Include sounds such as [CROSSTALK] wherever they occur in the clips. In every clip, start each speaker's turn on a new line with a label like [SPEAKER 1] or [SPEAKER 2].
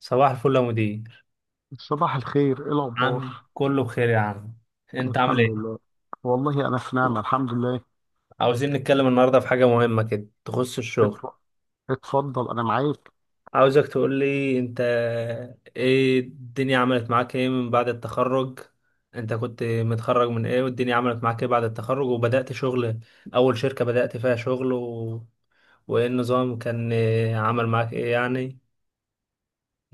[SPEAKER 1] صباح الفل يا مدير.
[SPEAKER 2] صباح الخير، ايه الاخبار؟
[SPEAKER 1] عامل كله بخير يا عم. انت عامل
[SPEAKER 2] الحمد
[SPEAKER 1] ايه؟
[SPEAKER 2] لله. والله انا في نعمه الحمد لله.
[SPEAKER 1] عاوزين نتكلم النهارده في حاجه مهمه كده تخص الشغل.
[SPEAKER 2] اتف- اتفضل انا معاك.
[SPEAKER 1] عاوزك تقول لي انت، ايه الدنيا عملت معاك ايه من بعد التخرج؟ انت كنت متخرج من ايه، والدنيا عملت معاك ايه بعد التخرج وبدأت شغل؟ اول شركه بدأت فيها شغل وايه النظام كان، عمل معاك ايه يعني.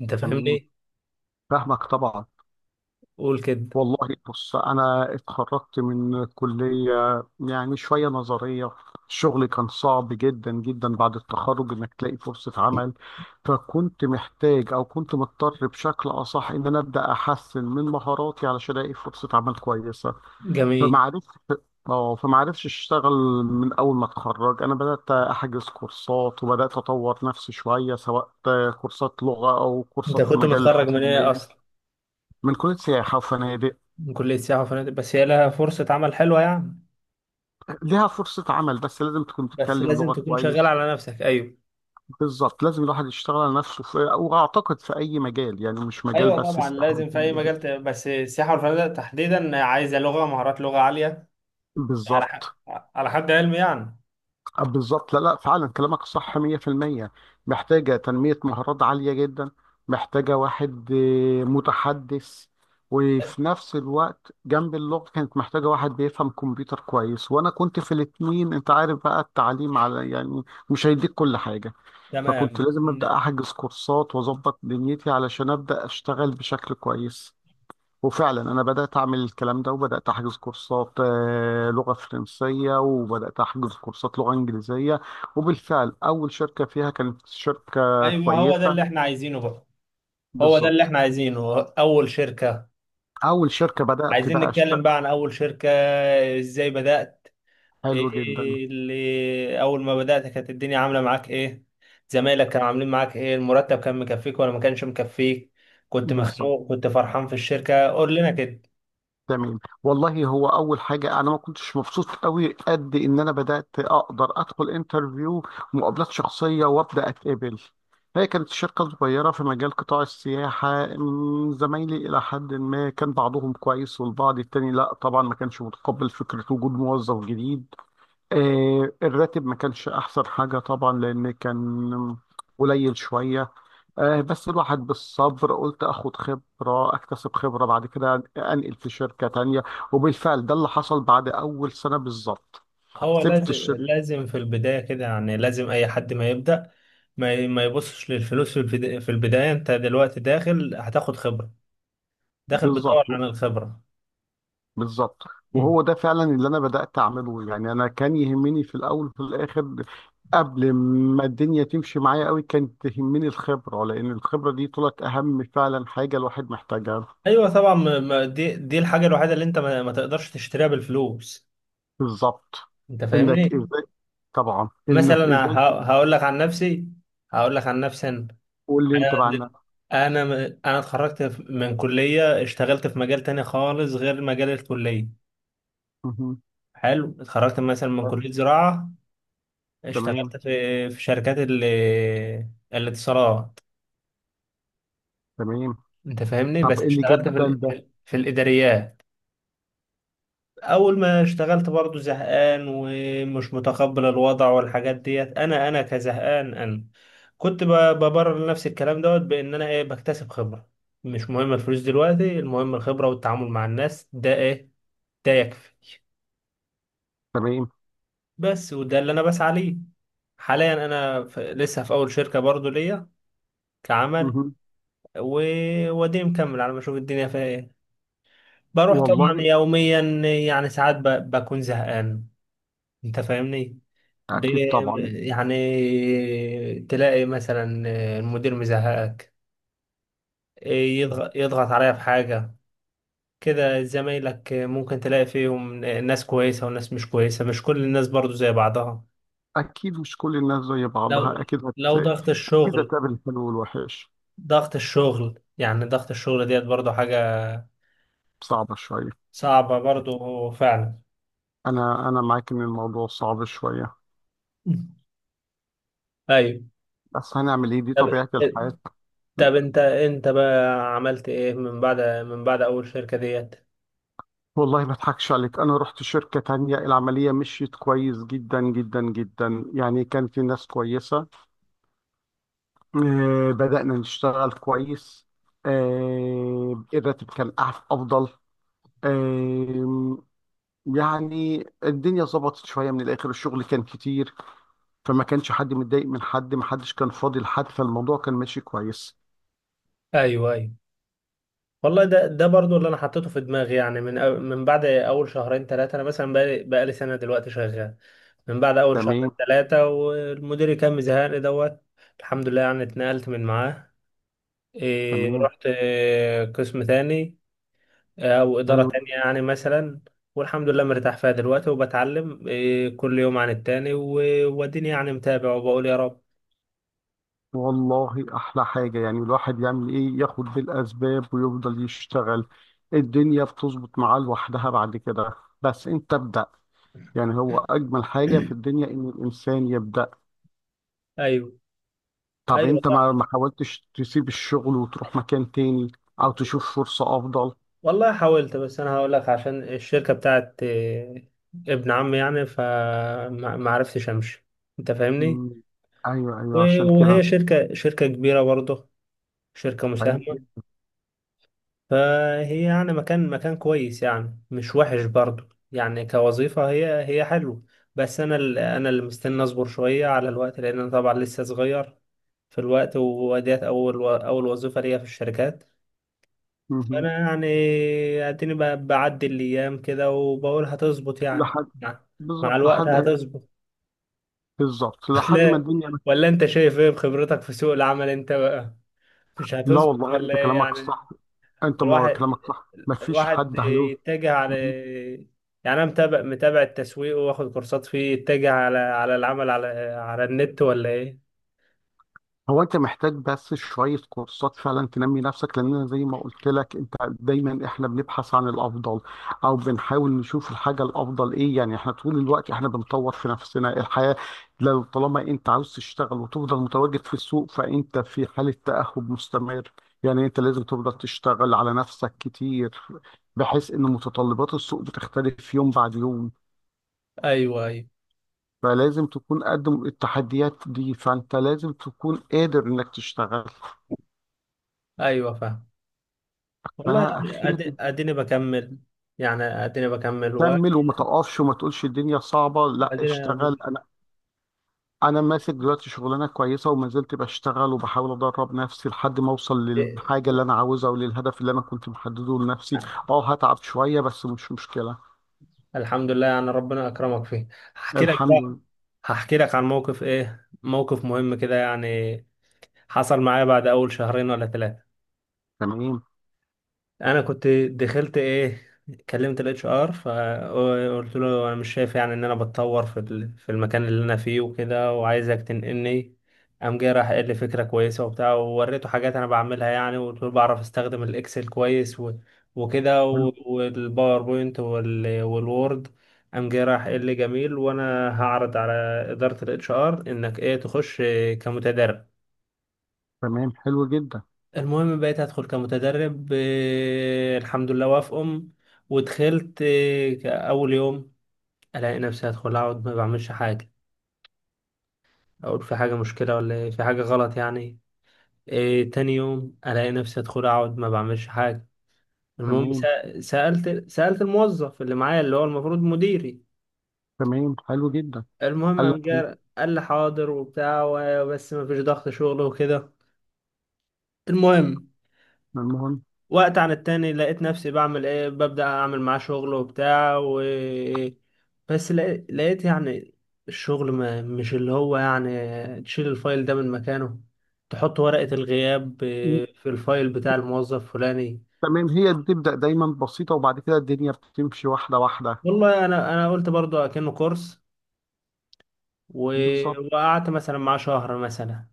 [SPEAKER 1] انت
[SPEAKER 2] تمام،
[SPEAKER 1] فاهمني؟
[SPEAKER 2] فاهمك طبعا.
[SPEAKER 1] قول كده.
[SPEAKER 2] والله بص انا اتخرجت من كليه، يعني شويه نظريه. الشغل كان صعب جدا جدا بعد التخرج انك تلاقي فرصه عمل. فكنت محتاج او كنت مضطر بشكل اصح ان انا ابدا احسن من مهاراتي علشان الاقي فرصه عمل كويسه.
[SPEAKER 1] جميل.
[SPEAKER 2] فما عرفش اه فما عرفش اشتغل. من اول ما اتخرج انا بدات احجز كورسات وبدات اطور نفسي شويه، سواء كورسات لغه او
[SPEAKER 1] انت
[SPEAKER 2] كورسات في
[SPEAKER 1] كنت
[SPEAKER 2] مجال
[SPEAKER 1] متخرج من ايه
[SPEAKER 2] الحاسبات.
[SPEAKER 1] اصلا؟
[SPEAKER 2] من كليه سياحه وفنادق.
[SPEAKER 1] من كليه سياحه وفنادق. بس هي لها فرصه عمل حلوه يعني؟
[SPEAKER 2] ليها فرصه عمل بس لازم تكون
[SPEAKER 1] بس
[SPEAKER 2] تتكلم
[SPEAKER 1] لازم
[SPEAKER 2] لغه
[SPEAKER 1] تكون شغال
[SPEAKER 2] كويس.
[SPEAKER 1] على نفسك. ايوه.
[SPEAKER 2] بالظبط، لازم الواحد يشتغل على نفسه في، واعتقد في اي مجال يعني، مش مجال
[SPEAKER 1] ايوه
[SPEAKER 2] بس
[SPEAKER 1] طبعا،
[SPEAKER 2] سياحه
[SPEAKER 1] لازم في اي
[SPEAKER 2] وفنادق.
[SPEAKER 1] مجال بس السياحه والفنادق تحديدا عايزه لغه، مهارات لغه عاليه. على ح...
[SPEAKER 2] بالظبط.
[SPEAKER 1] على حد علمي يعني.
[SPEAKER 2] بالظبط، لا لا فعلا كلامك صح 100%. محتاجة تنمية مهارات عالية جدا. محتاجة واحد متحدث. وفي نفس الوقت جنب اللغة كانت محتاجة واحد بيفهم كمبيوتر كويس، وأنا كنت في الاتنين. أنت عارف بقى التعليم على يعني مش هيديك كل حاجة.
[SPEAKER 1] تمام.
[SPEAKER 2] فكنت لازم أبدأ أحجز كورسات وأظبط دنيتي علشان أبدأ أشتغل بشكل كويس. وفعلا انا بدات اعمل الكلام ده وبدات احجز كورسات لغه فرنسيه، وبدات احجز كورسات لغه انجليزيه. وبالفعل اول شركه فيها كانت شركه
[SPEAKER 1] ايوه، هو ده
[SPEAKER 2] كويسه.
[SPEAKER 1] اللي احنا عايزينه بقى. هو ده اللي
[SPEAKER 2] بالظبط.
[SPEAKER 1] احنا عايزينه، اول شركه.
[SPEAKER 2] اول شركه بدات
[SPEAKER 1] عايزين
[SPEAKER 2] بقى
[SPEAKER 1] نتكلم
[SPEAKER 2] اشتغل.
[SPEAKER 1] بقى عن اول شركه، ازاي بدات.
[SPEAKER 2] حلو جدا.
[SPEAKER 1] ايه اللي اول ما بدات، كانت الدنيا عامله معاك ايه؟ زمايلك كانوا عاملين معاك ايه؟ المرتب كان مكفيك ولا ما كانش مكفيك؟ كنت
[SPEAKER 2] بالظبط.
[SPEAKER 1] مخنوق، كنت فرحان في الشركه، قول لنا كده.
[SPEAKER 2] تمام، والله هو اول حاجه انا ما كنتش مبسوط قوي قد ان انا بدات اقدر ادخل انترفيو ومقابلات شخصيه وابدا اتقبل. هي كانت شركه صغيره في مجال قطاع السياحه. زمايلي الى حد ما كان بعضهم كويس والبعض التاني لا طبعا، ما كانش متقبل فكره وجود موظف جديد. آه، الراتب ما كانش احسن حاجه طبعا، لان كان قليل شويه. بس الواحد بالصبر، قلت اخد خبرة اكتسب خبرة بعد كده انقل في شركة تانية. وبالفعل ده اللي حصل بعد اول سنة بالظبط.
[SPEAKER 1] هو
[SPEAKER 2] سبت
[SPEAKER 1] لازم
[SPEAKER 2] الشركة.
[SPEAKER 1] لازم في البداية كده يعني، لازم أي حد ما يبدأ، ما يبصش للفلوس في البداية. أنت دلوقتي داخل هتاخد خبرة، داخل بتدور
[SPEAKER 2] بالظبط.
[SPEAKER 1] عن الخبرة.
[SPEAKER 2] بالظبط.
[SPEAKER 1] مم.
[SPEAKER 2] وهو ده فعلا اللي انا بدأت اعمله، يعني انا كان يهمني في الاول وفي الاخر، قبل ما الدنيا تمشي معايا قوي، كانت تهمني الخبرة. لان الخبرة دي طلعت اهم فعلا حاجة الواحد محتاجها.
[SPEAKER 1] أيوة طبعا. دي الحاجة الوحيدة اللي أنت ما تقدرش تشتريها بالفلوس.
[SPEAKER 2] بالظبط.
[SPEAKER 1] أنت فاهمني؟
[SPEAKER 2] انك ازاي، طبعا انك
[SPEAKER 1] مثلا
[SPEAKER 2] ازاي.
[SPEAKER 1] هقول لك عن نفسي. هقول لك عن نفسي أنا.
[SPEAKER 2] تقول لي انت
[SPEAKER 1] أنا
[SPEAKER 2] بقى
[SPEAKER 1] دل-
[SPEAKER 2] عنها.
[SPEAKER 1] أنا م- أنا اتخرجت من كلية، اشتغلت في مجال تاني خالص غير مجال الكلية.
[SPEAKER 2] مهم.
[SPEAKER 1] حلو. اتخرجت مثلا من كلية زراعة، اشتغلت
[SPEAKER 2] تمام.
[SPEAKER 1] في شركات الاتصالات.
[SPEAKER 2] تمام.
[SPEAKER 1] انت فاهمني؟
[SPEAKER 2] طب
[SPEAKER 1] بس
[SPEAKER 2] ايه اللي
[SPEAKER 1] اشتغلت
[SPEAKER 2] جاب ده لده؟
[SPEAKER 1] في الاداريات. اول ما اشتغلت برضو زهقان ومش متقبل الوضع والحاجات ديت. انا كزهقان انا، كنت ب- ببرر لنفسي الكلام دوت، بان انا ايه، بكتسب خبرة. مش مهم الفلوس دلوقتي، المهم الخبرة والتعامل مع الناس ده ايه، ده يكفي.
[SPEAKER 2] تمام.
[SPEAKER 1] بس، وده اللي انا بسعى ليه حاليا. انا في لسه في اول شركة برضو ليا كعمل،
[SPEAKER 2] مهم.
[SPEAKER 1] ووديني مكمل على ما اشوف الدنيا فيها ايه. بروح طبعا
[SPEAKER 2] والله.
[SPEAKER 1] يوميا، يعني ساعات بكون زهقان. انت فاهمني،
[SPEAKER 2] اكيد
[SPEAKER 1] ليه
[SPEAKER 2] طبعا.
[SPEAKER 1] يعني؟ تلاقي مثلا المدير مزهقك،
[SPEAKER 2] مهم.
[SPEAKER 1] يضغط عليا في حاجة كده. زمايلك ممكن تلاقي فيهم ناس كويسة وناس مش كويسة، مش كل الناس برضو زي بعضها.
[SPEAKER 2] اكيد مش كل الناس زي
[SPEAKER 1] لو
[SPEAKER 2] بعضها، اكيد
[SPEAKER 1] لو
[SPEAKER 2] هتلاقي.
[SPEAKER 1] ضغط
[SPEAKER 2] اكيد
[SPEAKER 1] الشغل
[SPEAKER 2] هتقابل الحلو والوحش.
[SPEAKER 1] ضغط الشغل يعني، ضغط الشغل ديت برضو حاجة
[SPEAKER 2] صعبة شوية.
[SPEAKER 1] صعبة برضو فعلا.
[SPEAKER 2] انا انا معاك ان الموضوع صعب شوية.
[SPEAKER 1] [LAUGHS] ايوه.
[SPEAKER 2] بس هنعمل ايه، دي
[SPEAKER 1] طب
[SPEAKER 2] طبيعة الحياة.
[SPEAKER 1] طب انت بقى عملت ايه، من بعد اول شركة ديت؟
[SPEAKER 2] والله ما اضحكش عليك، انا رحت شركة تانية العملية مشيت كويس جدا جدا جدا. يعني كان في ناس كويسة. بدأنا نشتغل كويس. الراتب كان افضل. آه، يعني الدنيا ظبطت شويه. من الاخر الشغل كان كتير، فما كانش حد متضايق من حد، ما حدش كان فاضي لحد. فالموضوع كان ماشي كويس.
[SPEAKER 1] ايوه، ايوه. والله ده برضو اللي انا حطيته في دماغي، يعني من بعد اول شهرين ثلاثه، انا مثلا بقالي سنه دلوقتي شغال. من بعد اول شهرين
[SPEAKER 2] تمام.
[SPEAKER 1] ثلاثه، والمدير كان مزهقني دوت. الحمد لله، يعني اتنقلت من معاه. إيه،
[SPEAKER 2] تمام.
[SPEAKER 1] رحت إيه، قسم تاني؟ إيه، او اداره
[SPEAKER 2] حلو
[SPEAKER 1] تانية
[SPEAKER 2] جدا.
[SPEAKER 1] يعني، مثلا. والحمد لله مرتاح فيها دلوقتي، وبتعلم إيه كل يوم عن التاني، واديني يعني متابع وبقول يا رب.
[SPEAKER 2] والله احلى حاجه يعني الواحد يعمل ايه، ياخد بالاسباب ويفضل يشتغل. الدنيا بتظبط معاه لوحدها بعد كده. بس انت ابدا. يعني هو اجمل حاجه في
[SPEAKER 1] [COUGHS]
[SPEAKER 2] الدنيا ان الانسان يبدا.
[SPEAKER 1] [CLEARS THROAT] ايوه.
[SPEAKER 2] طب
[SPEAKER 1] ايوه
[SPEAKER 2] انت
[SPEAKER 1] صح.
[SPEAKER 2] ما حاولتش تسيب الشغل وتروح مكان تاني، او تشوف فرصه افضل؟
[SPEAKER 1] والله حاولت، بس انا هقول لك، عشان الشركه بتاعت ابن عمي يعني، فما ما عرفتش امشي. انت فاهمني.
[SPEAKER 2] مم. ايوه ايوه، عشان
[SPEAKER 1] وهي
[SPEAKER 2] كده.
[SPEAKER 1] شركه كبيره برضه، شركه
[SPEAKER 2] حلو
[SPEAKER 1] مساهمه.
[SPEAKER 2] جدا.
[SPEAKER 1] فهي يعني مكان كويس، يعني مش وحش برضه، يعني كوظيفه هي حلوه. بس انا اللي مستني اصبر شويه على الوقت، لان انا طبعا لسه صغير في الوقت، وديت اول وظيفه ليا في الشركات.
[SPEAKER 2] مهم.
[SPEAKER 1] انا يعني اديني بعدي الايام كده، وبقول هتظبط يعني،
[SPEAKER 2] لحد.
[SPEAKER 1] مع مع
[SPEAKER 2] بالظبط
[SPEAKER 1] الوقت
[SPEAKER 2] لحد.
[SPEAKER 1] هتظبط.
[SPEAKER 2] بالظبط
[SPEAKER 1] [LAUGHS]
[SPEAKER 2] لحد ما
[SPEAKER 1] ولا
[SPEAKER 2] الدنيا.
[SPEAKER 1] ولا انت شايف ايه بخبرتك في سوق العمل انت بقى؟ مش
[SPEAKER 2] لا
[SPEAKER 1] هتظبط
[SPEAKER 2] والله
[SPEAKER 1] ولا
[SPEAKER 2] انت
[SPEAKER 1] ايه
[SPEAKER 2] كلامك
[SPEAKER 1] يعني؟
[SPEAKER 2] صح. انت ما
[SPEAKER 1] الواحد
[SPEAKER 2] كلامك صح، ما فيش
[SPEAKER 1] الواحد
[SPEAKER 2] حد هيقول.
[SPEAKER 1] يتجه على، يعني انا متابع التسويق واخد كورسات فيه، يتجه على العمل على النت ولا ايه؟
[SPEAKER 2] هو انت محتاج بس شوية كورسات فعلا تنمي نفسك، لان انا زي ما قلت لك، انت دايما احنا بنبحث عن الافضل، او بنحاول نشوف الحاجة الافضل ايه. يعني احنا طول الوقت احنا بنطور في نفسنا الحياة. لو طالما انت عاوز تشتغل وتفضل متواجد في السوق، فانت في حالة تأهب مستمر. يعني انت لازم تفضل تشتغل على نفسك كتير، بحيث ان متطلبات السوق بتختلف يوم بعد يوم.
[SPEAKER 1] ايوه، ايوه،
[SPEAKER 2] فلازم تكون قد التحديات دي، فانت لازم تكون قادر انك تشتغل.
[SPEAKER 1] ايوه، فاهم. والله
[SPEAKER 2] فاخيرا،
[SPEAKER 1] اديني بكمل، يعني اديني بكمل
[SPEAKER 2] كمل وما توقفش وما تقولش الدنيا صعبه، لا
[SPEAKER 1] وادينا.
[SPEAKER 2] اشتغل. انا انا ماسك دلوقتي شغلانه كويسه وما زلت بشتغل، وبحاول ادرب نفسي لحد ما اوصل للحاجه اللي انا عاوزها وللهدف اللي انا كنت محدده لنفسي. اه هتعب شويه بس مش مشكله.
[SPEAKER 1] الحمد لله، يعني ربنا اكرمك فيه. هحكي لك
[SPEAKER 2] الحمد
[SPEAKER 1] بقى
[SPEAKER 2] لله.
[SPEAKER 1] هحكي لك عن موقف، ايه موقف مهم كده يعني، حصل معايا بعد اول شهرين ولا ثلاثة.
[SPEAKER 2] تمام.
[SPEAKER 1] انا كنت دخلت، ايه، كلمت الاتش ار، فقلت له انا مش شايف يعني ان انا بتطور في المكان اللي انا فيه وكده، وعايزك تنقلني. قام جاي راح قال لي فكره كويسه وبتاع، ووريته حاجات انا بعملها يعني، وقلت له بعرف استخدم الاكسل كويس وكده
[SPEAKER 2] حلو.
[SPEAKER 1] والباوربوينت والوورد. قام جاي راح قال لي جميل، وانا هعرض على اداره الاتش ار انك ايه، تخش كمتدرب.
[SPEAKER 2] تمام. حلو جدا.
[SPEAKER 1] المهم بقيت هدخل كمتدرب. الحمد لله وافقهم. ودخلت أول يوم ألاقي نفسي هدخل، أقعد ما بعملش حاجة، أقول في حاجة مشكلة ولا إيه، في حاجة غلط يعني. تاني يوم ألاقي نفسي هدخل أقعد ما بعملش حاجة. المهم
[SPEAKER 2] تمام.
[SPEAKER 1] سألت الموظف اللي معايا اللي هو المفروض مديري.
[SPEAKER 2] تمام. حلو جدا.
[SPEAKER 1] المهم
[SPEAKER 2] قال لك ايه؟
[SPEAKER 1] قال لي حاضر وبتاع، بس ما فيش ضغط شغل وكده. المهم
[SPEAKER 2] المهم.
[SPEAKER 1] وقت عن التاني لقيت نفسي بعمل ايه، ببدأ اعمل معاه شغل وبتاع و، بس لقيت يعني، الشغل ما مش اللي هو يعني، تشيل الفايل ده من مكانه، تحط ورقة الغياب في الفايل بتاع الموظف فلاني.
[SPEAKER 2] تمام، هي بتبدا دايما بسيطه، وبعد كده الدنيا بتمشي واحده واحده.
[SPEAKER 1] والله انا قلت برضه اكنه كورس و...
[SPEAKER 2] بالظبط.
[SPEAKER 1] وقعدت مثلا معاه شهر مثلا.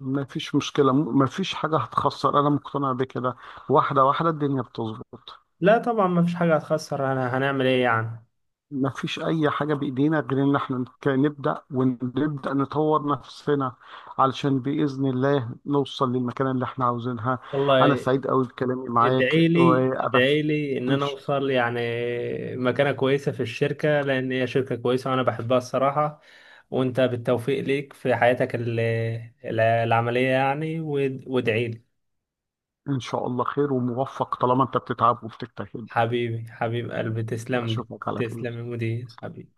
[SPEAKER 2] ما فيش مشكلة، ما فيش حاجة هتخسر، أنا مقتنع بكده. واحدة واحدة الدنيا بتظبط.
[SPEAKER 1] لا طبعا ما فيش حاجة هتخسر، انا هنعمل ايه يعني.
[SPEAKER 2] ما فيش أي حاجة بإيدينا غير إن إحنا نبدأ ونبدأ نطور نفسنا علشان بإذن الله نوصل للمكان اللي إحنا عاوزينها. أنا
[SPEAKER 1] والله
[SPEAKER 2] سعيد أوي بكلامي معاك
[SPEAKER 1] ادعي لي،
[SPEAKER 2] وأبس.
[SPEAKER 1] ادعي لي ان
[SPEAKER 2] إن
[SPEAKER 1] انا
[SPEAKER 2] ش-
[SPEAKER 1] اوصل يعني مكانة كويسة في الشركة، لان هي شركة كويسة وانا بحبها الصراحة. وانت بالتوفيق ليك في حياتك العملية يعني، وادعي لي.
[SPEAKER 2] إن شاء الله خير وموفق، طالما أنت بتتعب وبتجتهد.
[SPEAKER 1] حبيبي، حبيب قلبي، تسلم لي.
[SPEAKER 2] أشوفك على
[SPEAKER 1] تسلم
[SPEAKER 2] خير.
[SPEAKER 1] يا مدير حبيبي.